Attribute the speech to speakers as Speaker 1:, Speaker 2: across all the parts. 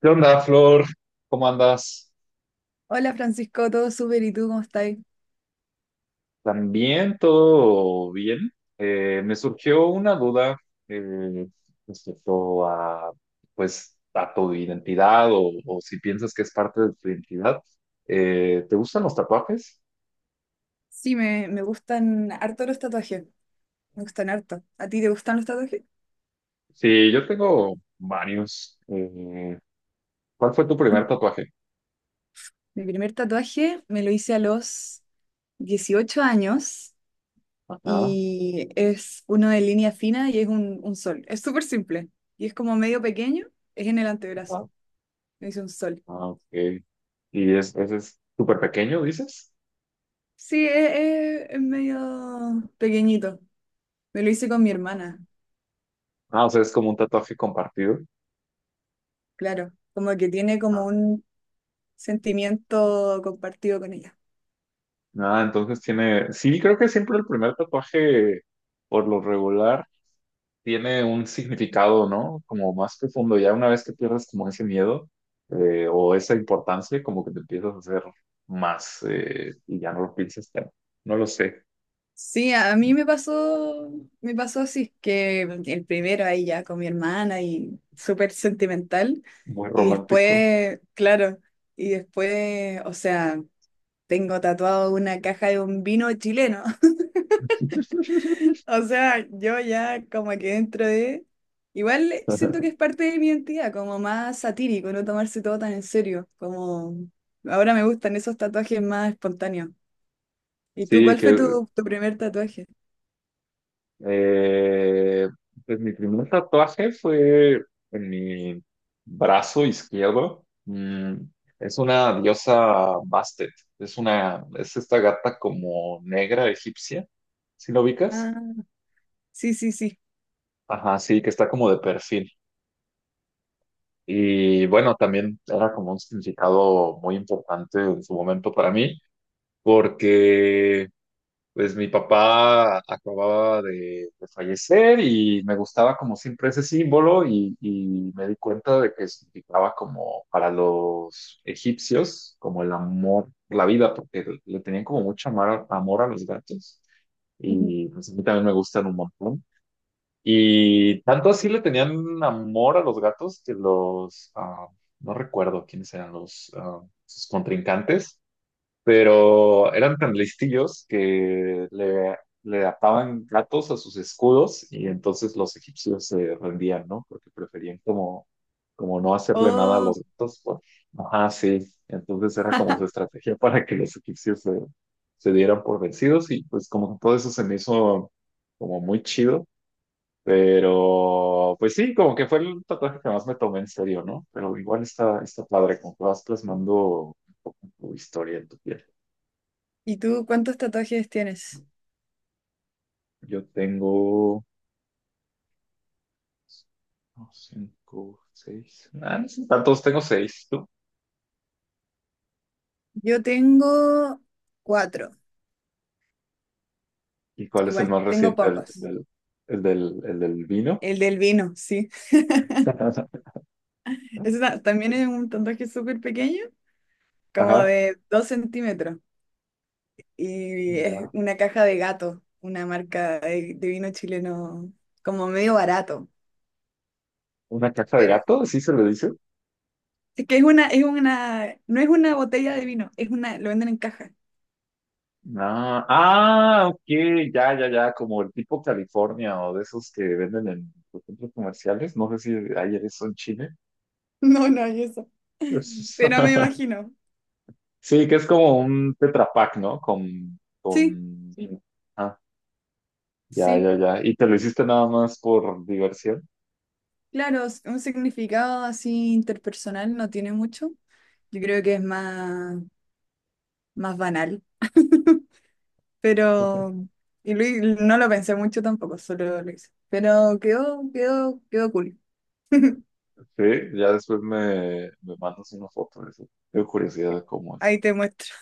Speaker 1: ¿Qué onda, Flor? ¿Cómo andas?
Speaker 2: Hola Francisco, todo súper, ¿y tú cómo estás?
Speaker 1: ¿También todo bien? Me surgió una duda eh, respecto a, pues, a tu identidad o si piensas que es parte de tu identidad. ¿Te gustan los tatuajes?
Speaker 2: Sí, me gustan harto los tatuajes, me gustan harto. ¿A ti te gustan los tatuajes?
Speaker 1: Sí, yo tengo varios. ¿Cuál fue tu
Speaker 2: Bueno,
Speaker 1: primer tatuaje?
Speaker 2: mi primer tatuaje me lo hice a los 18 años,
Speaker 1: Ajá,
Speaker 2: y es uno de línea fina y es un sol. Es súper simple y es como medio pequeño, es en el antebrazo,
Speaker 1: ajá.
Speaker 2: me hice un sol.
Speaker 1: Ah, ok. ¿Y ese es súper pequeño, dices?
Speaker 2: Sí, es, es medio pequeñito, me lo hice con mi hermana,
Speaker 1: Ah, o sea, es como un tatuaje compartido.
Speaker 2: claro, como que tiene como un sentimiento compartido con ella.
Speaker 1: Ah, entonces tiene, sí, creo que siempre el primer tatuaje, por lo regular, tiene un significado, ¿no? Como más profundo. Ya una vez que pierdes como ese miedo o esa importancia, como que te empiezas a hacer más y ya no lo piensas tanto. No lo sé,
Speaker 2: Sí, a mí me pasó así, que el primero ahí ya con mi hermana y súper sentimental.
Speaker 1: muy
Speaker 2: Y
Speaker 1: romántico.
Speaker 2: después, claro, y después, o sea, tengo tatuado una caja de un vino chileno. O sea, yo ya como que dentro de... Igual siento que es parte de mi identidad, como más satírico, no tomarse todo tan en serio, como ahora me gustan esos tatuajes más espontáneos. ¿Y tú
Speaker 1: Sí,
Speaker 2: cuál fue
Speaker 1: que
Speaker 2: tu primer tatuaje?
Speaker 1: Eh, pues mi primer tatuaje fue en mi brazo izquierdo. Es una diosa Bastet. Es esta gata como negra egipcia. ¿Sí lo
Speaker 2: Ah,
Speaker 1: ubicas?
Speaker 2: sí, sí, sí.
Speaker 1: Ajá, sí, que está como de perfil. Y bueno, también era como un significado muy importante en su momento para mí, porque pues mi papá acababa de fallecer y me gustaba como siempre ese símbolo y me di cuenta de que significaba como para los egipcios, como el amor, la vida, porque le tenían como mucho amor, amor a los gatos y pues a mí también me gustan un montón. Y tanto así le tenían amor a los gatos que no recuerdo quiénes eran sus contrincantes, pero eran tan listillos que le ataban gatos a sus escudos y entonces los egipcios se rendían, ¿no? Porque preferían como no hacerle nada a
Speaker 2: Oh,
Speaker 1: los gatos, pues. Ajá, sí. Entonces era como su estrategia para que los egipcios se dieran por vencidos y pues como que todo eso se me hizo como muy chido. Pero, pues sí, como que fue el tatuaje que más me tomé en serio, ¿no? Pero igual está padre, como que vas plasmando un poco tu historia en tu piel.
Speaker 2: ¿y tú cuántos tatuajes tienes?
Speaker 1: Yo tengo no, cinco, seis. Ah, no son tantos, tengo seis. ¿Tú?
Speaker 2: Yo tengo cuatro.
Speaker 1: ¿Y cuál es el
Speaker 2: Igual
Speaker 1: más
Speaker 2: tengo
Speaker 1: reciente? ¿El,
Speaker 2: pocos.
Speaker 1: el- del, el del, el del vino?
Speaker 2: El del vino, sí. También es un tatuaje súper pequeño, como
Speaker 1: Ajá.
Speaker 2: de 2 centímetros. Y es
Speaker 1: Ya.
Speaker 2: una caja de gato, una marca de vino chileno, como medio barato.
Speaker 1: ¿Una caja de
Speaker 2: Pero
Speaker 1: gato? ¿Sí se le dice?
Speaker 2: es que es una, no es una botella de vino, es una, lo venden en caja.
Speaker 1: Ah, ah, ok, ya, ya, ya, como el tipo California o de esos que venden en los centros comerciales, no sé si hay eso en Chile.
Speaker 2: No, no hay eso. Pero me imagino.
Speaker 1: Sí, que es como un Tetra Pak, ¿no?
Speaker 2: Sí,
Speaker 1: Sí. Ya,
Speaker 2: sí,
Speaker 1: ya, ya. ¿Y te lo hiciste nada más por diversión?
Speaker 2: claro, un significado así interpersonal no tiene mucho. Yo creo que es más banal. Pero, y no lo pensé mucho tampoco, solo lo hice. Pero quedó, quedó, quedó cool.
Speaker 1: Sí, ya después me mandas una foto de eso. Tengo curiosidad de cómo es.
Speaker 2: Ahí te muestro.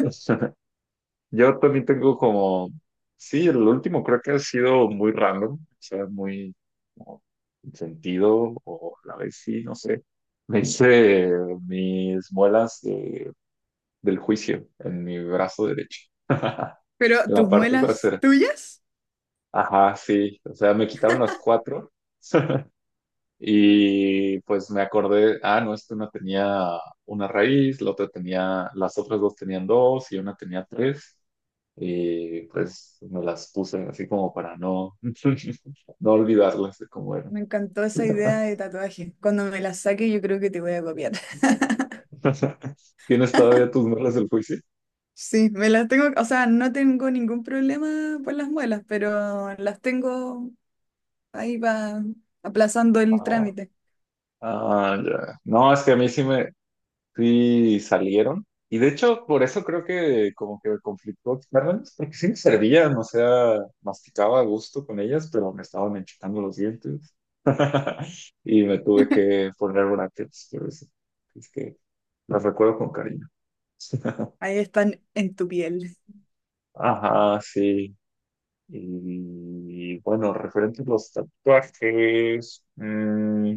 Speaker 1: Yo también tengo como, sí, el último creo que ha sido muy random, o sea, muy como, sin sentido, o a la vez sí, no sé. Me hice mis muelas del juicio en mi brazo derecho, en
Speaker 2: Pero tus
Speaker 1: la parte
Speaker 2: muelas
Speaker 1: trasera.
Speaker 2: tuyas,
Speaker 1: Ajá, sí, o sea, me quitaron las cuatro. Y pues me acordé, no, es una tenía una raíz, la otra tenía, las otras dos tenían dos y una tenía tres. Y pues me las puse así como para no, no olvidarlas de cómo eran.
Speaker 2: me encantó esa idea de tatuaje. Cuando me las saque, yo creo que te voy a copiar.
Speaker 1: ¿Tienes todavía tus muelas del juicio?
Speaker 2: Sí, me las tengo, o sea, no tengo ningún problema por las muelas, pero las tengo ahí va aplazando el
Speaker 1: Ah,
Speaker 2: trámite.
Speaker 1: ah, ya. No, es que a mí sí me, sí salieron. Y de hecho, por eso creo que como que me conflictó externamente, porque sí me servían, o sea, masticaba a gusto con ellas, pero me estaban enchocando los dientes. Y me tuve que poner brackets, pero eso. Es que las recuerdo con cariño.
Speaker 2: Ahí están en tu piel.
Speaker 1: Ajá, sí. Y bueno, referente a los tatuajes,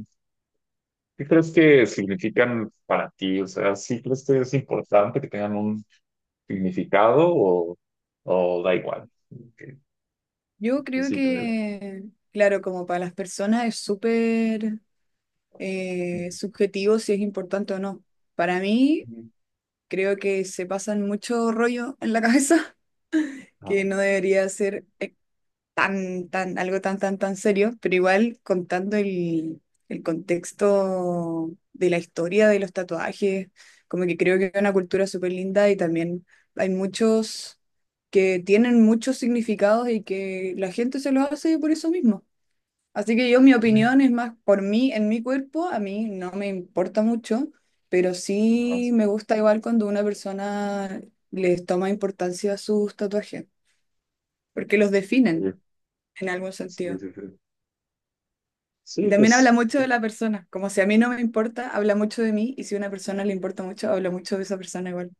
Speaker 1: ¿qué crees que significan para ti? O sea, ¿sí crees que es importante que tengan un significado o da igual? Que
Speaker 2: Yo creo
Speaker 1: necesito de-
Speaker 2: que, claro, como para las personas es súper subjetivo si es importante o no. Para mí, creo que se pasan mucho rollo en la cabeza, que
Speaker 1: Ajá.
Speaker 2: no debería ser tan, tan, algo tan, tan, tan serio, pero igual contando el contexto de la historia de los tatuajes, como que creo que es una cultura súper linda y también hay muchos que tienen muchos significados y que la gente se los hace por eso mismo. Así que yo, mi opinión es más por mí, en mi cuerpo, a mí no me importa mucho, pero
Speaker 1: Ajá.
Speaker 2: sí
Speaker 1: Sí,
Speaker 2: me gusta igual cuando una persona les toma importancia a sus tatuajes, porque los definen
Speaker 1: oye,
Speaker 2: en algún
Speaker 1: sí,
Speaker 2: sentido.
Speaker 1: sí, sí.
Speaker 2: Y
Speaker 1: Sí,
Speaker 2: también habla
Speaker 1: pues
Speaker 2: mucho de la persona, como si a mí no me importa, habla mucho de mí, y si a una persona le importa mucho, habla mucho de esa persona igual.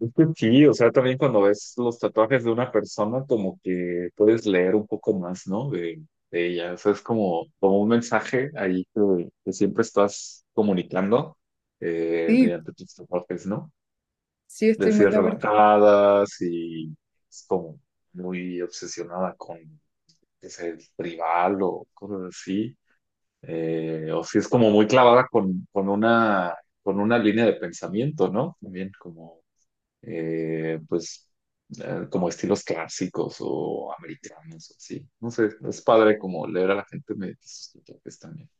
Speaker 1: es que sí, o sea, también cuando ves los tatuajes de una persona, como que puedes leer un poco más, ¿no? De ella. O sea, es como, como un mensaje ahí que siempre estás comunicando
Speaker 2: Sí,
Speaker 1: mediante tus tatuajes, ¿no?
Speaker 2: sí,
Speaker 1: De
Speaker 2: estoy
Speaker 1: si
Speaker 2: muy
Speaker 1: es
Speaker 2: de acuerdo.
Speaker 1: relajada, si es como muy obsesionada con que sea el rival o cosas así, o si es como muy clavada con una línea de pensamiento, ¿no? También como, pues, como estilos clásicos o americanos, o así. No sé, es padre como leer a la gente mediante sus propios también.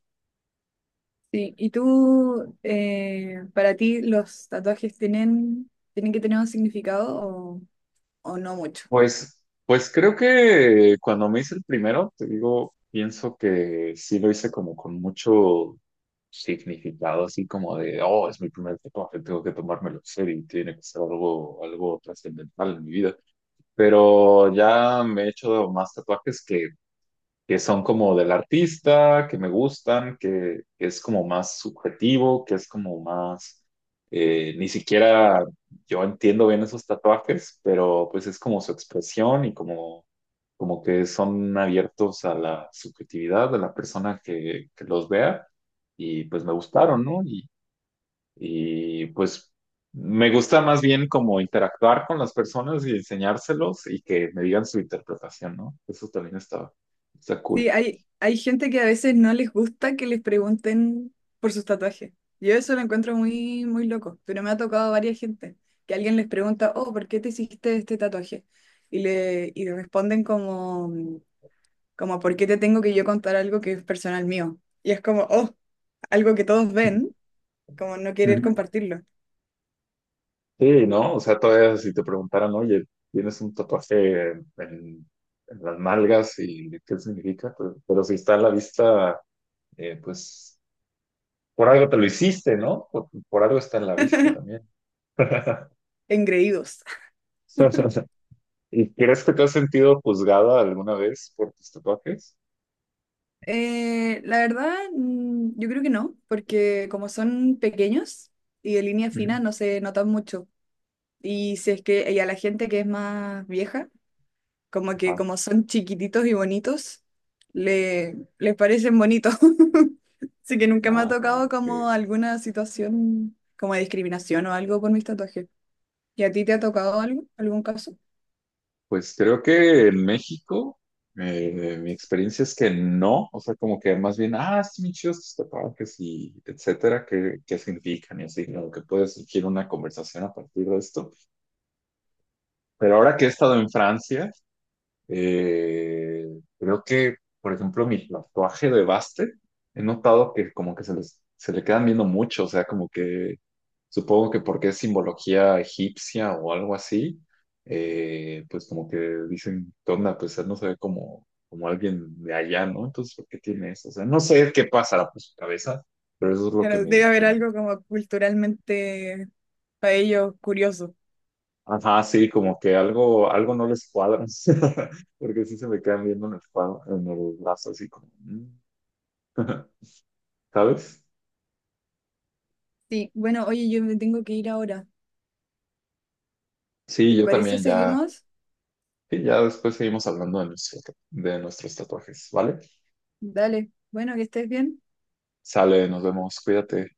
Speaker 2: Sí, ¿y tú, para ti, los tatuajes tienen que tener un significado o no mucho?
Speaker 1: Pues, pues creo que cuando me hice el primero, te digo, pienso que sí lo hice como con mucho significado, así como de, oh, es mi primer tatuaje, tengo que tomármelo en serio y tiene que ser algo, algo trascendental en mi vida. Pero ya me he hecho más tatuajes que son como del artista, que me gustan, que es como más subjetivo, que es como más, ni siquiera yo entiendo bien esos tatuajes, pero pues es como su expresión y como que son abiertos a la subjetividad de la persona que los vea y pues me gustaron, ¿no? Y pues me gusta más bien como interactuar con las personas y enseñárselos y que me digan su interpretación, ¿no? Eso también está
Speaker 2: Sí,
Speaker 1: cool.
Speaker 2: hay gente que a veces no les gusta que les pregunten por sus tatuajes. Yo eso lo encuentro muy, muy loco, pero me ha tocado a varias gente, que alguien les pregunta, oh, ¿por qué te hiciste este tatuaje? Y responden como... Como, ¿por qué te tengo que yo contar algo que es personal mío? Y es como, oh, algo que todos
Speaker 1: Ujú.
Speaker 2: ven, como no querer compartirlo.
Speaker 1: Sí, ¿no? O sea, todavía si te preguntaran, oye, tienes un tatuaje en las nalgas y qué significa, pues, pero si está a la vista, pues por algo te lo hiciste, ¿no? Por algo está en la vista también.
Speaker 2: Engreídos.
Speaker 1: ¿Y crees que te has sentido juzgada alguna vez por tus tatuajes?
Speaker 2: La verdad, yo creo que no, porque como son pequeños y de línea fina,
Speaker 1: Ujú.
Speaker 2: no se notan mucho. Y si es que, y a la gente que es más vieja, como que
Speaker 1: Ajá.
Speaker 2: como son chiquititos y bonitos, les parecen bonitos. Así que nunca me ha
Speaker 1: Ah,
Speaker 2: tocado
Speaker 1: ok.
Speaker 2: como alguna situación como de discriminación o algo por mis tatuajes. ¿Y a ti te ha tocado algo, algún caso?
Speaker 1: Pues creo que en México, mi experiencia es que no, o sea, como que más bien, ah, sí, bien chidos tus tatuajes y etcétera, qué significan y así, como que puede surgir una conversación a partir de esto. Pero ahora que he estado en Francia, eh, creo que, por ejemplo, mi tatuaje de Baste, he notado que como que se le quedan viendo mucho, o sea, como que supongo que porque es simbología egipcia o algo así, pues como que dicen, ¿qué onda? Pues él no se ve como, como alguien de allá, ¿no? Entonces, ¿por qué tiene eso? O sea, no sé qué pasará por su cabeza, pero eso es lo que
Speaker 2: Claro,
Speaker 1: me
Speaker 2: debe haber
Speaker 1: imagino.
Speaker 2: algo como culturalmente para ellos curioso.
Speaker 1: Ajá, sí, como que algo, algo no les cuadra, porque sí se me quedan viendo en el brazo, así como, ¿sabes?
Speaker 2: Sí, bueno, oye, yo me tengo que ir ahora.
Speaker 1: Sí,
Speaker 2: ¿Te
Speaker 1: yo
Speaker 2: parece
Speaker 1: también ya,
Speaker 2: seguimos?
Speaker 1: y ya después seguimos hablando de nuestros tatuajes, ¿vale?
Speaker 2: Dale, bueno, que estés bien.
Speaker 1: Sale, nos vemos, cuídate.